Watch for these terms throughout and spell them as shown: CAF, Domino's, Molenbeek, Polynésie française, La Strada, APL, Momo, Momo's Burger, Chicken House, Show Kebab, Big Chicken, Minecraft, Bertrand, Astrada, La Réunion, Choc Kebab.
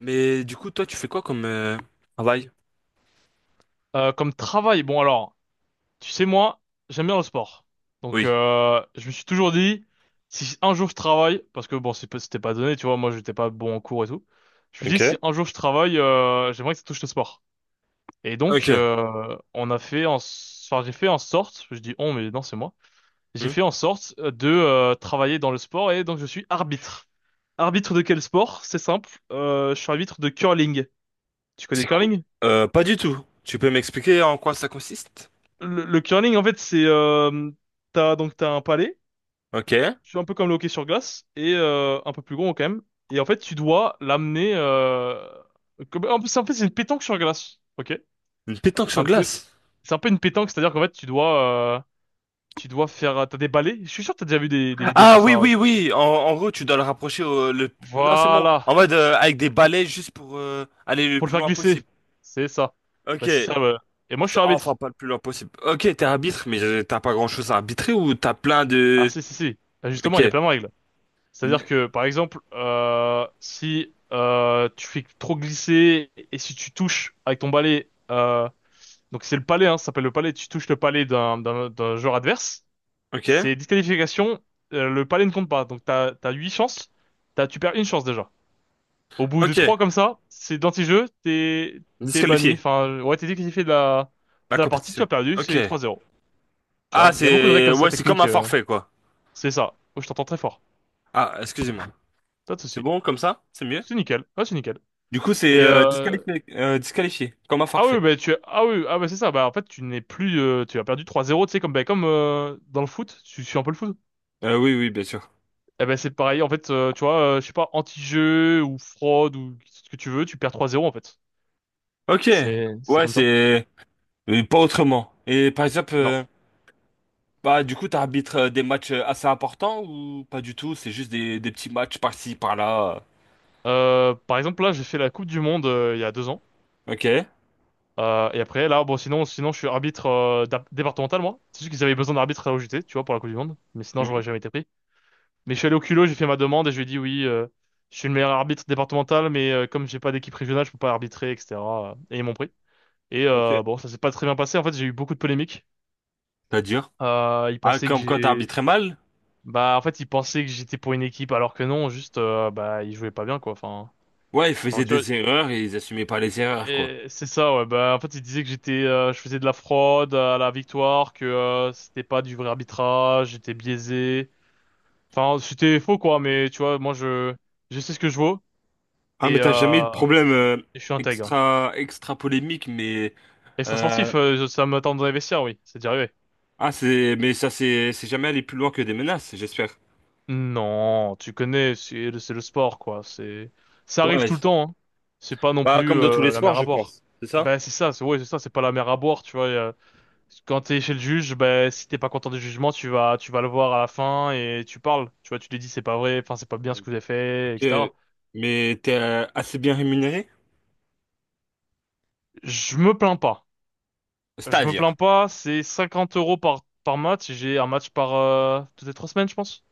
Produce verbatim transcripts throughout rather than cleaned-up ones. Mais du coup, toi, tu fais quoi comme euh, travail? Euh, comme travail, bon alors, tu sais moi, j'aime bien le sport. Donc Oui. euh, je me suis toujours dit, si un jour je travaille, parce que bon, c'est pas- c'était pas donné, tu vois, moi j'étais pas bon en cours et tout. Je me suis dit, si Ok. un jour je travaille, euh, j'aimerais que ça touche le sport. Et donc Ok. euh, on a fait en, s- enfin j'ai fait en sorte, je dis on mais non c'est moi, j'ai Hmm. fait en sorte euh, de euh, travailler dans le sport et donc je suis arbitre. Arbitre de quel sport? C'est simple, euh, je suis arbitre de curling. Tu connais le C'est quoi? curling? Euh, pas du tout. Tu peux m'expliquer en quoi ça consiste? le, le curling, en fait, c'est euh, t'as donc t'as un palais, Ok. c'est un peu comme le hockey sur glace et euh, un peu plus gros quand même. Et en fait, tu dois l'amener. Euh, comme- en plus, en fait, c'est une pétanque sur glace. Ok. Une pétanque sur Un peu, glace. c'est un peu une pétanque, c'est-à-dire qu'en fait, tu dois, euh, tu dois faire, t'as des balais. Je suis sûr que t'as déjà vu des, des vidéos Ah sur oui, ça. Ouais. oui, oui. En, en gros, tu dois le rapprocher au, le… Non, c'est bon. En Voilà, mode euh, avec des balais juste pour euh, aller le pour le plus faire loin glisser, possible. c'est ça. Ok. Bah c'est ça. Ouais. Et moi, je suis Enfin, arbitre. pas le plus loin possible. Ok, t'es arbitre, mais euh, t'as pas grand-chose à arbitrer ou t'as plein Ah de… si si si. Bah, justement, Ok. il y a plein de règles. C'est-à-dire que, par exemple, euh, si euh, tu fais trop glisser et si tu touches avec ton balai, euh, donc c'est le palais, hein, ça s'appelle le palais, tu touches le palais d'un d'un d'un joueur adverse, Ok. c'est disqualification, euh, le palais ne compte pas. Donc t'as t'as huit chances, t'as tu perds une chance déjà. Au bout de Ok. trois comme ça, c'est d'anti-jeu, t'es t'es banni, Disqualifié. enfin ouais t'es disqualifié de la La de la partie, tu compétition. as perdu, Ok. c'est trois zéro. Tu Ah, vois, il y a beaucoup de règles c'est comme ça ouais, c'est comme techniques, un euh, forfait quoi. c'est ça. Oh, je t'entends très fort, Ah, excusez-moi. pas de C'est souci. bon comme ça? C'est mieux? C'est nickel, ouais c'est nickel. Du coup, c'est Et euh, euh, disqualifié, euh, disqualifié, comme un Ah oui, forfait. bah, tu ah oui, ah bah, c'est ça. Bah, en fait, tu n'es plus, euh, tu as perdu trois zéro, tu sais, comme, bah, comme euh, dans le foot, tu suis un peu le foot. Euh, oui, oui, bien sûr. Eh ben, c'est pareil, en fait, euh, tu vois, euh, je sais pas, anti-jeu ou fraude ou ce que tu veux, tu perds trois zéro, en fait. Ok. C'est, c'est Ouais, comme ça. c'est euh, pas autrement. Et par exemple, Non. euh, bah du coup, t'arbitres euh, des matchs euh, assez importants ou pas du tout? C'est juste des, des petits matchs par-ci, par-là. Euh, par exemple, là, j'ai fait la Coupe du Monde euh, il y a deux ans. euh. Ok. Euh, et après, là, bon, sinon, sinon, je suis arbitre euh, d'ap- départemental, moi. C'est juste qu'ils avaient besoin d'arbitre à l'O J T, tu vois, pour la Coupe du Monde. Mais sinon, j'aurais Mhm. jamais été pris. Mais je suis allé au culot, j'ai fait ma demande et je lui ai dit oui, euh, je suis le meilleur arbitre départemental, mais euh, comme j'ai pas d'équipe régionale, je peux pas arbitrer, et cetera. Et ils m'ont pris. Et Ok. euh, bon, ça s'est pas très bien passé. En fait, j'ai eu beaucoup de polémiques. C'est-à-dire? Euh, ils Ah, pensaient que comme quand j'ai, t'arbitrais mal? bah, en fait, ils pensaient que j'étais pour une équipe, alors que non, juste, euh, bah, ils jouaient pas bien, quoi. Enfin, Ouais, ils enfin, faisaient tu vois, des erreurs et ils assumaient pas les erreurs quoi. et c'est ça, ouais. Bah, en fait, ils disaient que j'étais, euh, je faisais de la fraude à la victoire, que euh, c'était pas du vrai arbitrage, j'étais biaisé. Enfin, c'était faux, quoi. Mais tu vois, moi, je, je sais ce que je vaux. Ah, mais Et, t'as jamais eu de euh, problème euh, Je suis intègre. extra extra polémique, mais Euh, Extra-sportif, euh, je- ça m'attend dans les vestiaires, oui. C'est déjà arrivé. ah, c'est, mais ça, c'est, c'est jamais aller plus loin que des menaces, j'espère. Non, tu connais, c'est le c'est le sport, quoi. C'est, ça arrive Ouais. tout le temps, hein. C'est pas non Bah, plus comme dans tous les euh, la sports, mer à je boire. pense. C'est ça? Ben c'est ça, c'est ouais, c'est ça, c'est pas la mer à boire, tu vois. Euh, quand t'es chez le juge, ben si t'es pas content du jugement, tu vas, tu vas le voir à la fin et tu parles. Tu vois, tu lui dis c'est pas vrai, enfin c'est pas bien ce que vous avez fait, Ok. et cetera. Mais t'es euh, assez bien rémunéré? Je me plains pas. Je me plains C'est-à-dire. pas. C'est cinquante euros par par match. J'ai un match par euh, toutes les trois semaines, je pense.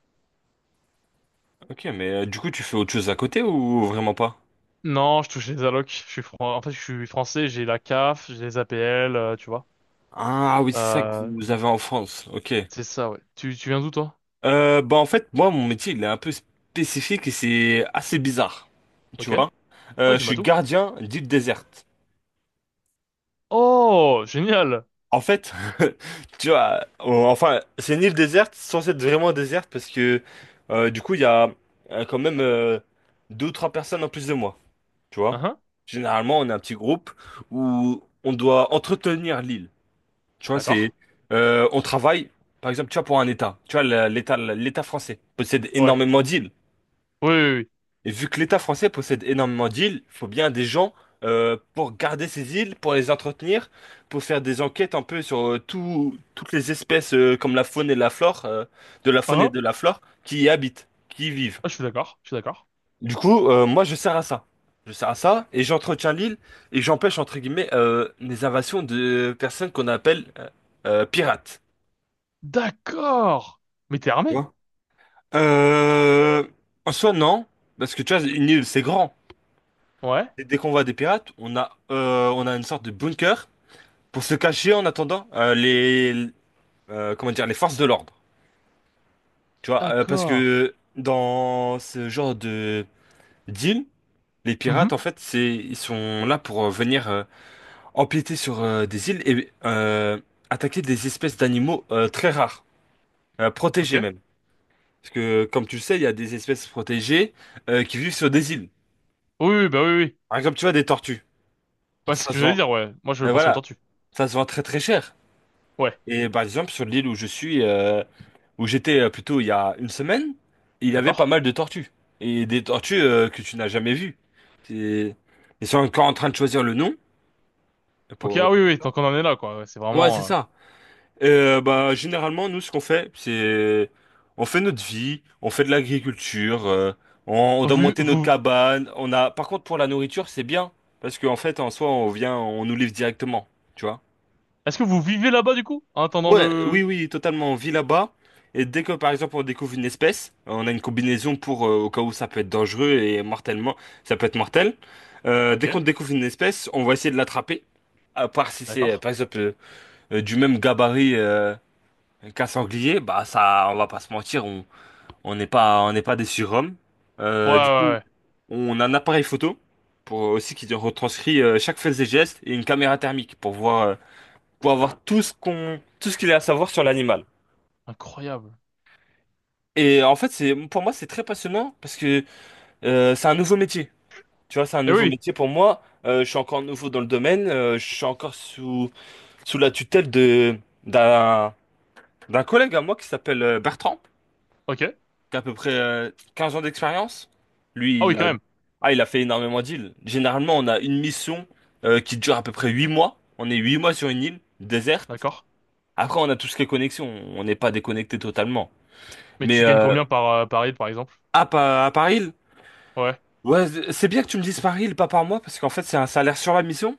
Ok, mais euh, du coup, tu fais autre chose à côté ou vraiment pas? Non, je touche les allocs. Je suis fran- En fait, je suis français, j'ai la CAF, j'ai les A P L, euh, tu vois. Ah oui, c'est ça que Euh, vous avez en France. Ok. c'est ça, ouais. Tu, tu viens d'où, toi? Euh, bah en fait, moi, mon métier, il est un peu spécifique et c'est assez bizarre. Tu Ok. vois? Ouais, Euh, je dis-moi suis tout. gardien d'île déserte. Oh, génial. En fait, tu vois, on- enfin, c'est une île déserte, censée être vraiment déserte, parce que euh, du coup, il y a euh, quand même euh, deux ou trois personnes en plus de moi, tu vois. Hein, Généralement, on est un petit groupe où on doit entretenir l'île. Tu vois, d'accord. c'est, euh, on travaille, par exemple, tu vois, pour un État. Tu vois, la- l'État, l'État français possède Ouais. énormément d'îles. Oui, oui, oui. Et vu que l'État français possède énormément d'îles, il faut bien des gens euh, pour garder ces îles, pour les entretenir, pour faire des enquêtes un peu sur euh, tout- toutes les espèces euh, comme la faune et la flore, euh, de la Hein, faune et de ah, la flore qui y habitent, qui y vivent. ah, je suis d'accord. Je suis d'accord. Du coup, euh, moi je sers à ça. Je sers à ça et j'entretiens l'île et j'empêche entre guillemets euh, les invasions de personnes qu'on appelle euh, euh, pirates. D'accord. Mais t'es Tu armé? vois? Euh, En soi non, parce que tu vois, une île c'est grand. Ouais. Dès dès qu'on voit des pirates, on a, euh, on a une sorte de bunker pour se cacher en attendant euh, les, euh, comment dire, les forces de l'ordre. Tu vois, euh, parce D'accord. que dans ce genre de d'île, les pirates, Mhm. en fait, c'est, ils sont là pour euh, venir euh, empiéter sur euh, des îles et euh, attaquer des espèces d'animaux euh, très rares, euh, Ok. protégés même. Parce que, comme tu le sais, il y a des espèces protégées euh, qui vivent sur des îles. Oui, oui, bah oui, oui. Par exemple, tu vois, des tortues. Ouais, c'est ce Ça que se j'allais vend, dire, ouais. Moi, je euh, pensais aux voilà, tortues. ça se vend très très cher. Ouais. Et par exemple, sur l'île où je suis, euh, où j'étais euh, plutôt il y a une semaine, il y avait pas D'accord. mal de tortues. Et des tortues euh, que tu n'as jamais vues. C'est- Ils sont encore en train de choisir le nom. Ok, pour- ah oui, oui, tant qu'on en est là, quoi. Ouais, c'est Ouais, c'est vraiment... euh, ça. Euh, bah, généralement, nous, ce qu'on fait, c'est… On fait notre vie, on fait de l'agriculture, euh, on, on doit Vous, monter notre vous... cabane. On a… Par contre, pour la nourriture, c'est bien. Parce qu'en fait, en soi, on vient, on nous livre directement. Tu vois. Est-ce que vous vivez là-bas, du coup? En attendant Ouais, le... oui, oui, totalement. On vit là-bas. Et dès que, par exemple, on découvre une espèce, on a une combinaison pour, euh, au cas où ça peut être dangereux et mortellement, ça peut être mortel. Euh, Ok. Dès qu'on découvre une espèce, on va essayer de l'attraper. À part si c'est, euh, D'accord. par exemple, euh, euh, du même gabarit euh, qu'un sanglier, bah ça, on va pas se mentir, on on n'est pas, on n'est pas des surhommes. Ouais, ouais, Euh, du coup, ouais. on a un appareil photo pour aussi qui retranscrit euh, chaque fait et geste et une caméra thermique pour voir, euh, pour avoir tout ce qu'on, tout ce qu'il y a à savoir sur l'animal. Incroyable. Et en fait, c'est pour moi, c'est très passionnant parce que euh, c'est un nouveau métier. Tu vois, c'est un Eh nouveau oui, métier pour moi. Euh, je suis encore nouveau dans le domaine. Euh, je suis encore sous, sous la tutelle de, d'un, d'un collègue à moi qui s'appelle euh, Bertrand, ok. qui a à peu près euh, quinze ans d'expérience. Lui, Ah oui, il quand a, même. ah, il a fait énormément d'îles. Généralement, on a une mission euh, qui dure à peu près huit mois. On est huit mois sur une île déserte. D'accord. Après, on a tout ce qui est connexion. On n'est pas déconnecté totalement. Mais Mais tu gagnes euh, combien par, euh, par lead, par exemple? à, Pa- à Paris, Ouais. ouais, c'est c'est bien que tu me dises par île, pas par mois, parce qu'en fait, c'est un salaire sur la mission.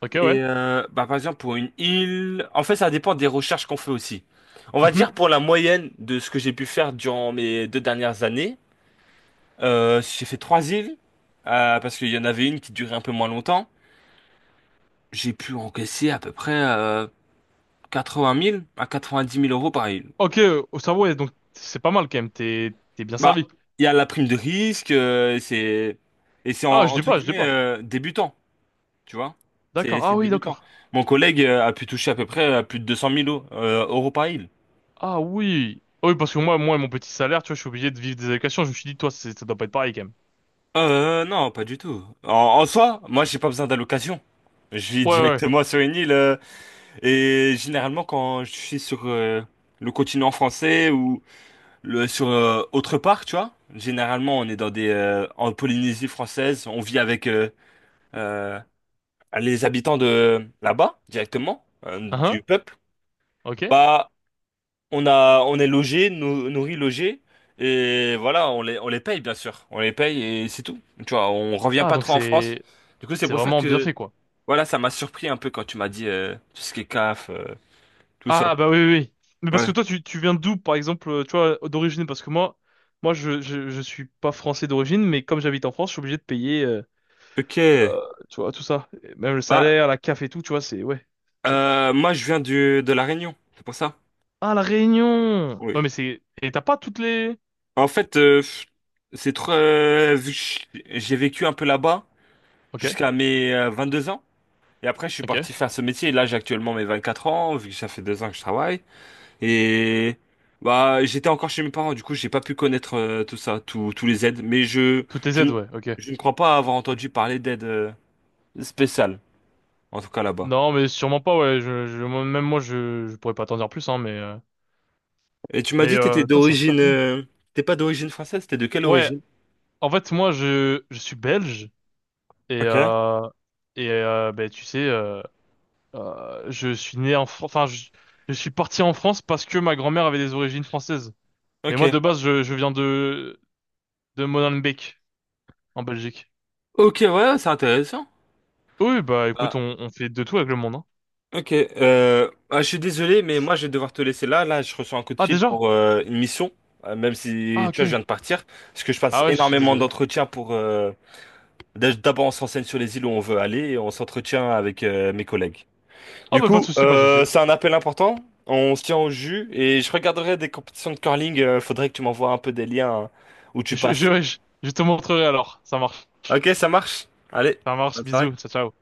Ok, Et ouais. Euh, bah, par exemple, pour une île, en fait, ça dépend des recherches qu'on fait aussi. On va dire Mhm. pour la moyenne de ce que j'ai pu faire durant mes deux dernières années, euh, j'ai fait trois îles, euh, parce qu'il y en avait une qui durait un peu moins longtemps. J'ai pu encaisser à peu près euh, quatre-vingt mille à quatre-vingt-dix mille euros par île. Ok, euh, au cerveau, ouais, donc c'est pas mal quand même. T'es, t'es bien Bah, servi. il y a la prime de risque, euh, c'est et c'est Ah, en- je dis entre pas, je dis guillemets pas. euh, débutant. Tu vois? C'est D'accord. Ah c'est oui, débutant. d'accord. Mon collègue euh, a pu toucher à peu près à plus de deux cent mille euros euh, euros par île. Ah oui. Ah oui, parce que moi, moi, mon petit salaire, tu vois, je suis obligé de vivre des allocations. Je me suis dit, toi, c'est- ça doit pas être pareil quand même. Euh, non, pas du tout. En, en soi, moi, j'ai pas besoin d'allocation. Je vis Ouais, ouais. Ouais. directement sur une île. Euh, et généralement, quand je suis sur euh, le continent français ou le, sur euh, autre part, tu vois, généralement, on est dans des, euh, en Polynésie française, on vit avec euh, euh, les habitants de là-bas, directement, euh, Hein? du peuple. Ok. Bah, on a, on est logé, nou- nourri, logé, et voilà, on les, on les paye bien sûr, on les paye et c'est tout. Tu vois, on revient Ah, pas donc trop en France. c'est, Du coup, c'est c'est pour ça vraiment bien que, fait, quoi. voilà, ça m'a surpris un peu quand tu m'as dit euh, tout ce qui est CAF, euh, tout ça. Ah bah oui oui. Oui. Mais parce que Ouais. toi tu, tu viens d'où par exemple, euh, tu vois, d'origine parce que moi moi je, je je suis pas français d'origine mais comme j'habite en France, je suis obligé de payer euh, Ok. euh, tu vois tout ça, et même le Bah, salaire, la CAF et tout, tu vois, c'est ouais, c'est ça. euh, moi, je viens du, de La Réunion, c'est pour ça. Ah la Réunion. Ouais Oui. mais c'est et t'as pas toutes les En fait, euh, pff, c'est trop. Euh, vu que j'ai vécu un peu là-bas OK, jusqu'à mes euh, deux ans. Et après, je suis OK. parti faire ce métier. Et là, j'ai actuellement mes vingt-quatre ans, vu que ça fait deux ans que je travaille. Et bah j'étais encore chez mes parents, du coup j'ai pas pu connaître euh, tout ça, tous tous les aides. Mais je, Toutes les je, ne- aides, ouais, OK. je ne crois pas avoir entendu parler d'aide euh, spéciale, en tout cas là-bas. Non, mais sûrement pas ouais, je, je moi- même moi je je pourrais pas t'en dire plus hein mais euh, Et tu m'as mais dit que t'étais euh, putain, c'est un super d'origine, pays. euh, t'es pas d'origine française, t'es de quelle Ouais, origine? en fait moi je je suis belge et Ok, euh, et euh, ben tu sais euh, Euh, je suis né en France, enfin, je, je suis parti en France parce que ma grand-mère avait des origines françaises. Mais moi, ok. de base, je, je viens de, de Molenbeek, en Belgique. Ok, ouais, c'est intéressant. Oui, bah écoute, Ah, on, on fait de tout avec le monde, hein. ok, euh, ah, je suis désolé, mais moi je vais devoir te laisser là. Là, je reçois un coup de Ah, fil déjà? pour euh, une mission, euh, même si Ah, tu vois, je viens ok. de partir, parce que je passe Ah ouais, je suis énormément désolé. d'entretiens pour euh, D'a- D'abord, on s'enseigne sur les îles où on veut aller et on s'entretient avec euh, mes collègues. Oh, Du bah pas de coup, souci, pas de euh, souci. c'est un appel important. On se tient au jus et je regarderai des compétitions de curling. Euh, faudrait que tu m'envoies un peu des liens hein, où tu Je, passes. Je, je, je te montrerai alors. Ça marche, Ok, ça marche. Allez, ça bonne marche, soirée. bisous, ciao, ciao.